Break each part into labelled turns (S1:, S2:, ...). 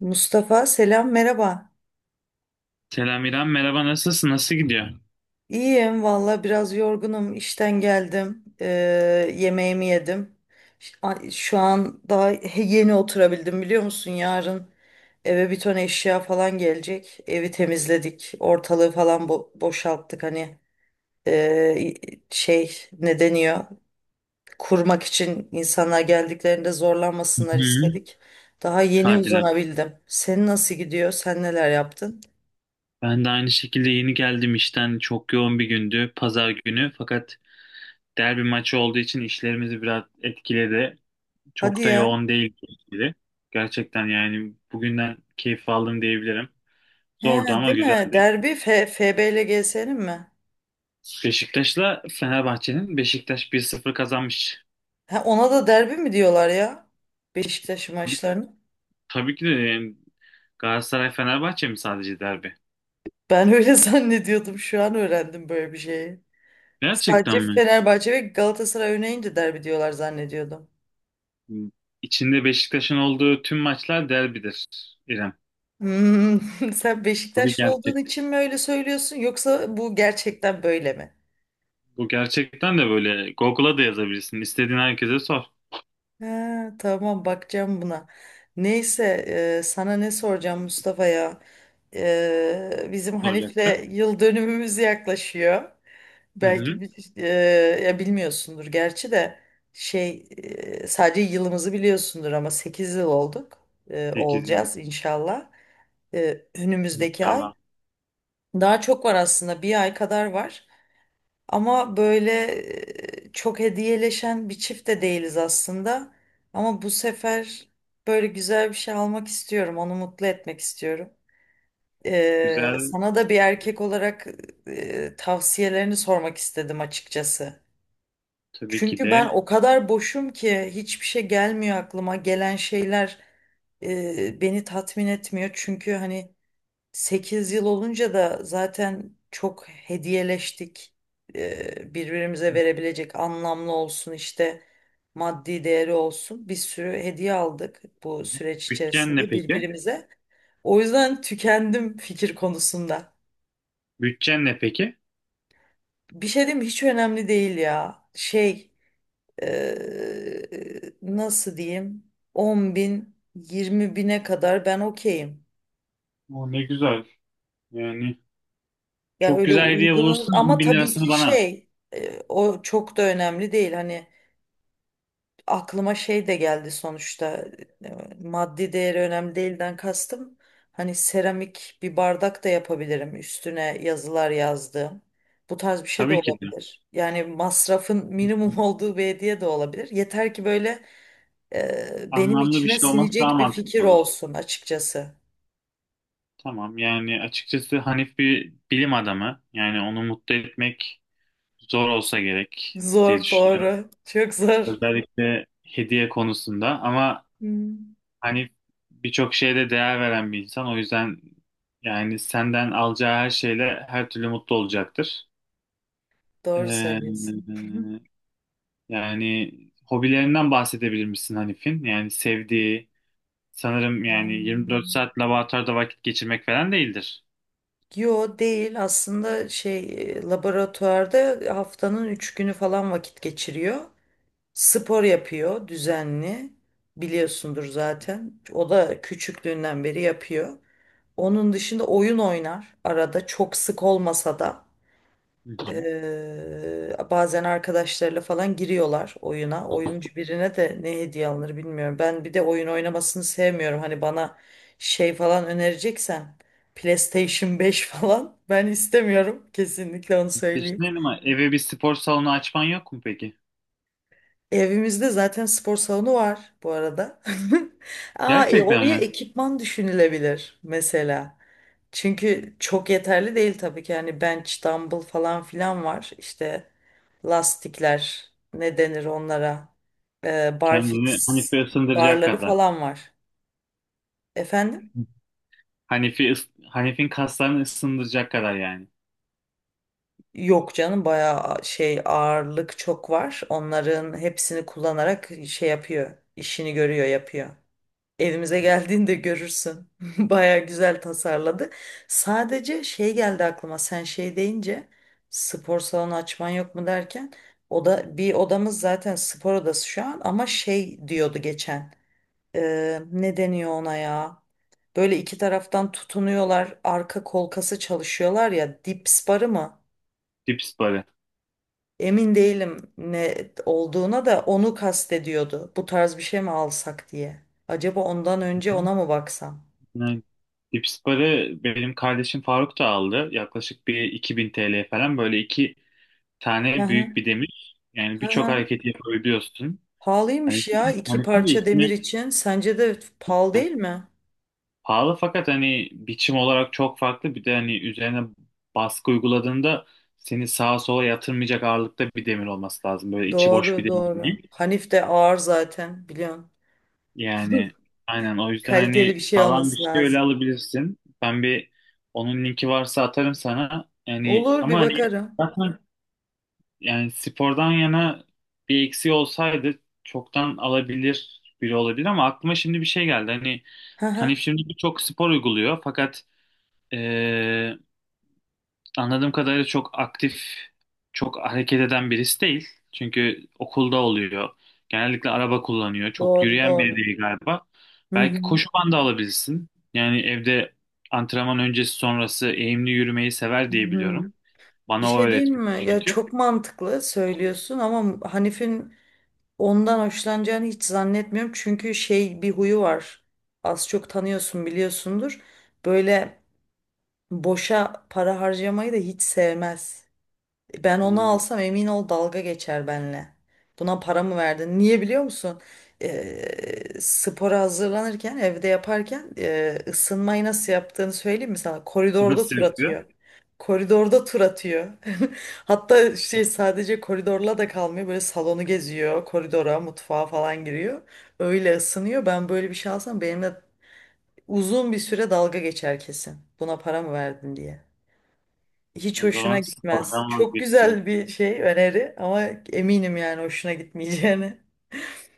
S1: Mustafa selam merhaba.
S2: Selam İrem, merhaba nasılsın? Nasıl gidiyor?
S1: İyiyim valla, biraz yorgunum, işten geldim. Yemeğimi yedim. Şu an daha yeni oturabildim, biliyor musun? Yarın eve bir ton eşya falan gelecek. Evi temizledik, ortalığı falan boşalttık, hani ee, şey, ne deniyor? Kurmak için insanlar geldiklerinde
S2: Hı
S1: zorlanmasınlar
S2: hı.
S1: istedik. Daha yeni
S2: Hadiler.
S1: uzanabildim. Senin nasıl gidiyor? Sen neler yaptın?
S2: Ben de aynı şekilde yeni geldim işten. Çok yoğun bir gündü, pazar günü. Fakat derbi maçı olduğu için işlerimizi biraz etkiledi.
S1: Hadi
S2: Çok da
S1: ya.
S2: yoğun değil gibi. Gerçekten yani bugünden keyif aldım diyebilirim.
S1: He,
S2: Zordu ama
S1: değil mi?
S2: güzeldi.
S1: Derbi FB ile GS'nin mi?
S2: Beşiktaş'la Fenerbahçe'nin, Beşiktaş 1-0 kazanmış.
S1: Ha, ona da derbi mi diyorlar ya? Beşiktaş maçlarını.
S2: Tabii ki de yani, Galatasaray-Fenerbahçe mi sadece derbi?
S1: Ben öyle zannediyordum. Şu an öğrendim böyle bir şeyi. Sadece
S2: Gerçekten mi?
S1: Fenerbahçe ve Galatasaray oynayınca derbi diyorlar zannediyordum.
S2: İçinde Beşiktaş'ın olduğu tüm maçlar derbidir İrem.
S1: Hmm, sen
S2: Bu bir
S1: Beşiktaşlı
S2: gerçek.
S1: olduğun için mi öyle söylüyorsun, yoksa bu gerçekten böyle mi?
S2: Bu gerçekten de böyle, Google'a da yazabilirsin. İstediğin herkese sor.
S1: Ha, tamam, bakacağım buna. Neyse, sana ne soracağım Mustafa ya. Bizim
S2: Soracaktı.
S1: Hanif'le yıl dönümümüz yaklaşıyor.
S2: Hı hı.
S1: Belki bi- e, ya bilmiyorsundur gerçi de, şey sadece yılımızı biliyorsundur, ama 8 yıl olduk.
S2: 8 yıl
S1: Olacağız inşallah. Önümüzdeki ay.
S2: inşallah.
S1: Daha çok var aslında, bir ay kadar var. Ama böyle, çok hediyeleşen bir çift de değiliz aslında. Ama bu sefer böyle güzel bir şey almak istiyorum. Onu mutlu etmek istiyorum.
S2: Güzel,
S1: Sana da bir erkek olarak tavsiyelerini sormak istedim açıkçası.
S2: tabii ki
S1: Çünkü ben
S2: de.
S1: o kadar boşum ki hiçbir şey gelmiyor aklıma. Gelen şeyler beni tatmin etmiyor. Çünkü hani 8 yıl olunca da zaten çok hediyeleştik. Birbirimize
S2: Hı
S1: verebilecek, anlamlı olsun işte, maddi değeri olsun. Bir sürü hediye aldık bu
S2: hı.
S1: süreç
S2: Bütçen ne
S1: içerisinde
S2: peki?
S1: birbirimize. O yüzden tükendim fikir konusunda.
S2: Bütçen ne peki?
S1: Bir şey diyeyim mi? Hiç önemli değil ya. Ee, nasıl diyeyim? 10 bin 20 bine kadar ben okeyim.
S2: O ne güzel. Yani
S1: Ya
S2: çok
S1: öyle
S2: güzel hediye
S1: uygunuz,
S2: bulursun. On
S1: ama
S2: bin
S1: tabii
S2: lirasını
S1: ki
S2: bana at.
S1: o çok da önemli değil. Hani aklıma şey de geldi sonuçta, maddi değeri önemli değilden kastım. Hani seramik bir bardak da yapabilirim, üstüne yazılar yazdığım. Bu tarz bir şey de
S2: Tabii ki de.
S1: olabilir. Yani masrafın minimum olduğu bir hediye de olabilir. Yeter ki böyle, benim
S2: Anlamlı bir
S1: içime
S2: şey olması daha
S1: sinecek bir
S2: mantıklı
S1: fikir
S2: olur.
S1: olsun açıkçası.
S2: Tamam, yani açıkçası Hanif bir bilim adamı. Yani onu mutlu etmek zor olsa gerek diye
S1: Zor,
S2: düşünüyorum.
S1: doğru. Çok zor.
S2: Özellikle hediye konusunda, ama
S1: Hmm.
S2: hani birçok şeye de değer veren bir insan. O yüzden yani senden alacağı her şeyle her türlü mutlu olacaktır.
S1: Doğru
S2: Ee,
S1: söylüyorsun.
S2: yani hobilerinden bahsedebilir misin Hanif'in? Yani sevdiği, sanırım yani 24
S1: Hmm.
S2: saat laboratuvarda vakit geçirmek falan değildir.
S1: Yo, değil aslında. Laboratuvarda haftanın üç günü falan vakit geçiriyor. Spor yapıyor düzenli, biliyorsundur zaten. O da küçüklüğünden beri yapıyor. Onun dışında oyun oynar, arada, çok sık olmasa da.
S2: Hı hı.
S1: Bazen arkadaşlarıyla falan giriyorlar oyuna. Oyuncu birine de ne hediye alınır bilmiyorum. Ben bir de oyun oynamasını sevmiyorum. Hani bana şey falan önereceksen, PlayStation 5 falan ben istemiyorum. Kesinlikle onu söyleyeyim.
S2: Düşünelim, ama eve bir spor salonu açman yok mu peki?
S1: Evimizde zaten spor salonu var bu arada. Aa,
S2: Gerçekten
S1: oraya
S2: mi?
S1: ekipman düşünülebilir mesela. Çünkü çok yeterli değil tabii ki. Yani bench, dumbbell falan filan var. İşte lastikler, ne denir onlara?
S2: Kendini
S1: Barfix,
S2: Hanif'e ısındıracak
S1: barları
S2: kadar.
S1: falan var. Efendim?
S2: Hanef'in kaslarını ısındıracak kadar yani.
S1: Yok canım, bayağı şey ağırlık çok var. Onların hepsini kullanarak şey yapıyor, işini görüyor, yapıyor. Evimize geldiğinde görürsün. Baya güzel tasarladı. Sadece şey geldi aklıma. Sen şey deyince, spor salonu açman yok mu derken, o da bir odamız zaten spor odası şu an, ama şey diyordu geçen. Ne deniyor ona ya? Böyle iki taraftan tutunuyorlar. Arka kolkası çalışıyorlar ya. Dips barı mı?
S2: Dips barı.
S1: Emin değilim ne olduğuna da, onu kastediyordu. Bu tarz bir şey mi alsak diye. Acaba ondan önce
S2: Hı.
S1: ona mı baksam?
S2: Yani dips barı benim kardeşim Faruk da aldı. Yaklaşık bir 2000 TL falan, böyle iki
S1: Hı
S2: tane
S1: hı.
S2: büyük bir demir. Yani
S1: Hı
S2: birçok
S1: hı.
S2: hareketi yapabiliyorsun. Hani
S1: Pahalıymış ya, iki
S2: Hanef'in de
S1: parça
S2: içine,
S1: demir için. Sence de pahalı değil mi?
S2: pahalı fakat hani biçim olarak çok farklı. Bir de hani üzerine baskı uyguladığında seni sağa sola yatırmayacak ağırlıkta bir demir olması lazım. Böyle içi boş
S1: Doğru
S2: bir demir
S1: doğru.
S2: değil.
S1: Hanif de ağır zaten, biliyorsun.
S2: Yani aynen, o yüzden
S1: Kaliteli
S2: hani
S1: bir şey
S2: sağlam bir
S1: olması
S2: şey öyle
S1: lazım.
S2: alabilirsin. Ben bir, onun linki varsa atarım sana. Yani
S1: Olur,
S2: ama
S1: bir
S2: hani
S1: bakarım.
S2: zaten yani spordan yana bir eksiği olsaydı çoktan alabilir biri olabilir, ama aklıma şimdi bir şey geldi. Hani
S1: Hı
S2: hani
S1: hı.
S2: şimdi birçok spor uyguluyor fakat anladığım kadarıyla çok aktif, çok hareket eden birisi değil. Çünkü okulda oluyor. Genellikle araba kullanıyor. Çok
S1: Doğru
S2: yürüyen biri
S1: doğru.
S2: değil galiba.
S1: Hı
S2: Belki
S1: hı.
S2: koşu bandı alabilirsin. Yani evde antrenman öncesi sonrası eğimli yürümeyi sever
S1: Hı
S2: diye biliyorum.
S1: hı. Bir
S2: Bana o
S1: şey diyeyim
S2: öğretmiş
S1: mi? Ya
S2: çünkü.
S1: çok mantıklı söylüyorsun, ama Hanif'in ondan hoşlanacağını hiç zannetmiyorum. Çünkü şey bir huyu var. Az çok tanıyorsun, biliyorsundur. Böyle boşa para harcamayı da hiç sevmez. Ben onu
S2: Hmm.
S1: alsam, emin ol, dalga geçer benle. Buna para mı verdin? Niye biliyor musun? Spora hazırlanırken, evde yaparken, ısınmayı nasıl yaptığını söyleyeyim mi sana? Koridorda
S2: Nasıl
S1: tur
S2: yapıyor?
S1: atıyor. Koridorda tur atıyor. Hatta şey, sadece koridorla da kalmıyor. Böyle salonu geziyor. Koridora, mutfağa falan giriyor. Öyle ısınıyor. Ben böyle bir şey alsam, benimle uzun bir süre dalga geçer kesin. Buna para mı verdin diye. Hiç
S2: O
S1: hoşuna
S2: zaman
S1: gitmez.
S2: spordan
S1: Çok
S2: vazgeçtim.
S1: güzel bir şey, öneri, ama eminim yani hoşuna gitmeyeceğini.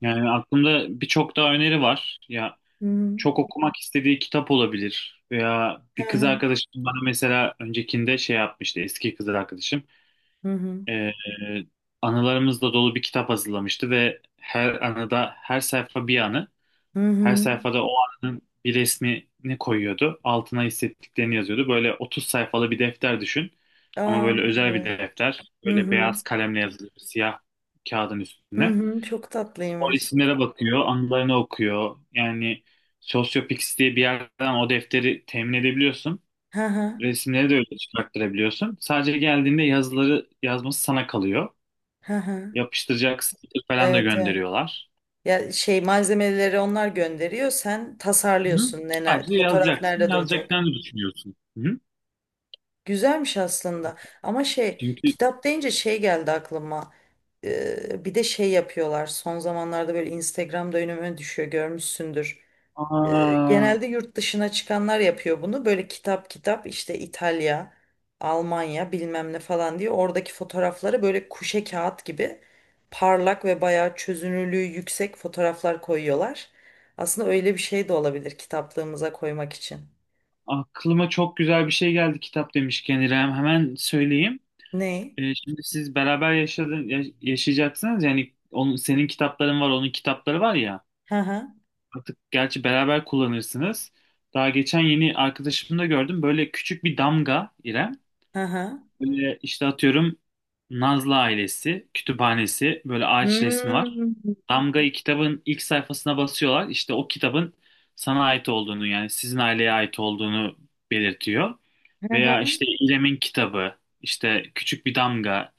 S2: Yani aklımda birçok daha öneri var. Ya,
S1: Hı hı.
S2: çok okumak istediği kitap olabilir. Veya
S1: Hı
S2: bir kız
S1: hı.
S2: arkadaşım bana mesela öncekinde şey yapmıştı, eski kız arkadaşım.
S1: Hı hı.
S2: Ee, anılarımızla dolu bir kitap hazırlamıştı ve her anıda, her sayfa bir anı.
S1: Hı
S2: Her
S1: hı.
S2: sayfada o anının bir resmini koyuyordu. Altına hissettiklerini yazıyordu. Böyle 30 sayfalı bir defter düşün. Ama
S1: Aa,
S2: böyle özel bir
S1: evet.
S2: defter.
S1: Hı
S2: Böyle
S1: hı.
S2: beyaz kalemle yazılı, siyah kağıdın
S1: Hı
S2: üstüne.
S1: hı. Çok
S2: O
S1: tatlıymış.
S2: isimlere bakıyor, anılarını okuyor. Yani Sociopix diye bir yerden o defteri temin edebiliyorsun.
S1: Hı hı.
S2: Resimleri de öyle çıkarttırabiliyorsun. Sadece geldiğinde yazıları yazması sana kalıyor.
S1: Hı hı.
S2: Yapıştıracak sticker falan da
S1: Evet, evet.
S2: gönderiyorlar.
S1: Ya şey, malzemeleri onlar gönderiyor, sen
S2: Hı?
S1: tasarlıyorsun.
S2: Sadece
S1: Fotoğraf
S2: yazacaksın,
S1: nerede duracak?
S2: yazacaklarını düşünüyorsun. Hı?
S1: Güzelmiş aslında, ama şey,
S2: Çünkü
S1: kitap deyince şey geldi aklıma. Bir de şey yapıyorlar son zamanlarda, böyle Instagram'da önüme düşüyor, görmüşsündür.
S2: aa,
S1: Genelde yurt dışına çıkanlar yapıyor bunu, böyle kitap kitap, işte İtalya, Almanya, bilmem ne falan diye, oradaki fotoğrafları böyle kuşe kağıt gibi parlak ve bayağı çözünürlüğü yüksek fotoğraflar koyuyorlar. Aslında öyle bir şey de olabilir, kitaplığımıza koymak için.
S2: aklıma çok güzel bir şey geldi kitap demişken, İrem. Hemen söyleyeyim.
S1: Ne?
S2: Şimdi siz beraber yaşayacaksınız. Yani onun, senin kitapların var, onun kitapları var ya.
S1: Hı hı,
S2: Artık gerçi beraber kullanırsınız. Daha geçen yeni arkadaşımda gördüm. Böyle küçük bir damga, İrem.
S1: hı hı.
S2: Böyle işte atıyorum Nazlı ailesi, kütüphanesi, böyle ağaç resmi
S1: Hmm.
S2: var. Damgayı kitabın ilk sayfasına basıyorlar. İşte o kitabın sana ait olduğunu, yani sizin aileye ait olduğunu belirtiyor.
S1: Hı
S2: Veya
S1: hı,
S2: işte İrem'in kitabı, işte küçük bir damga,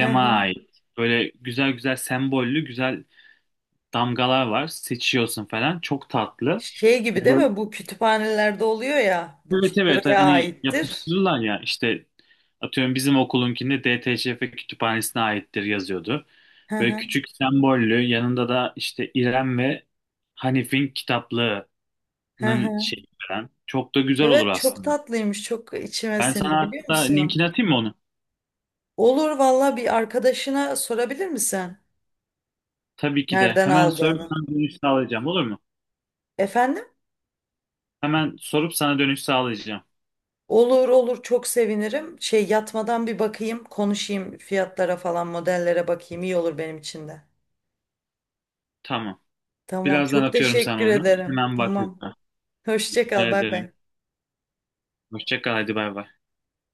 S1: hı hı.
S2: ait. Böyle güzel güzel sembollü, güzel damgalar var. Seçiyorsun falan. Çok tatlı.
S1: Şey gibi
S2: Yani
S1: değil
S2: böyle-
S1: mi? Bu kütüphanelerde oluyor ya. Bu
S2: evet evet,
S1: buraya
S2: hani
S1: aittir.
S2: yapıştırırlar ya işte, atıyorum bizim okulunkinde DTÇF kütüphanesine aittir yazıyordu.
S1: Hı
S2: Böyle
S1: hı,
S2: küçük sembollü, yanında da işte İrem ve Hanif'in kitaplığının
S1: hı hı.
S2: şeyi falan. Çok da güzel olur
S1: Evet, çok
S2: aslında.
S1: tatlıymış. Çok içime
S2: Ben sana
S1: sindi, biliyor
S2: hatta
S1: musun?
S2: linkini atayım mı onu?
S1: Olur valla, bir arkadaşına sorabilir misin?
S2: Tabii ki de,
S1: Nereden
S2: hemen sorup
S1: aldığını.
S2: sana dönüş sağlayacağım, olur mu?
S1: Efendim?
S2: Hemen sorup sana dönüş sağlayacağım.
S1: Olur olur, çok sevinirim. Şey, yatmadan bir bakayım, konuşayım, fiyatlara falan, modellere bakayım. İyi olur benim için de.
S2: Tamam.
S1: Tamam,
S2: Birazdan
S1: çok
S2: atıyorum sana
S1: teşekkür
S2: onu.
S1: ederim.
S2: Hemen bak
S1: Tamam.
S2: lütfen.
S1: Hoşça
S2: Rica
S1: kal, bay
S2: ederim.
S1: bay.
S2: Hoşça kal, hadi bay bay.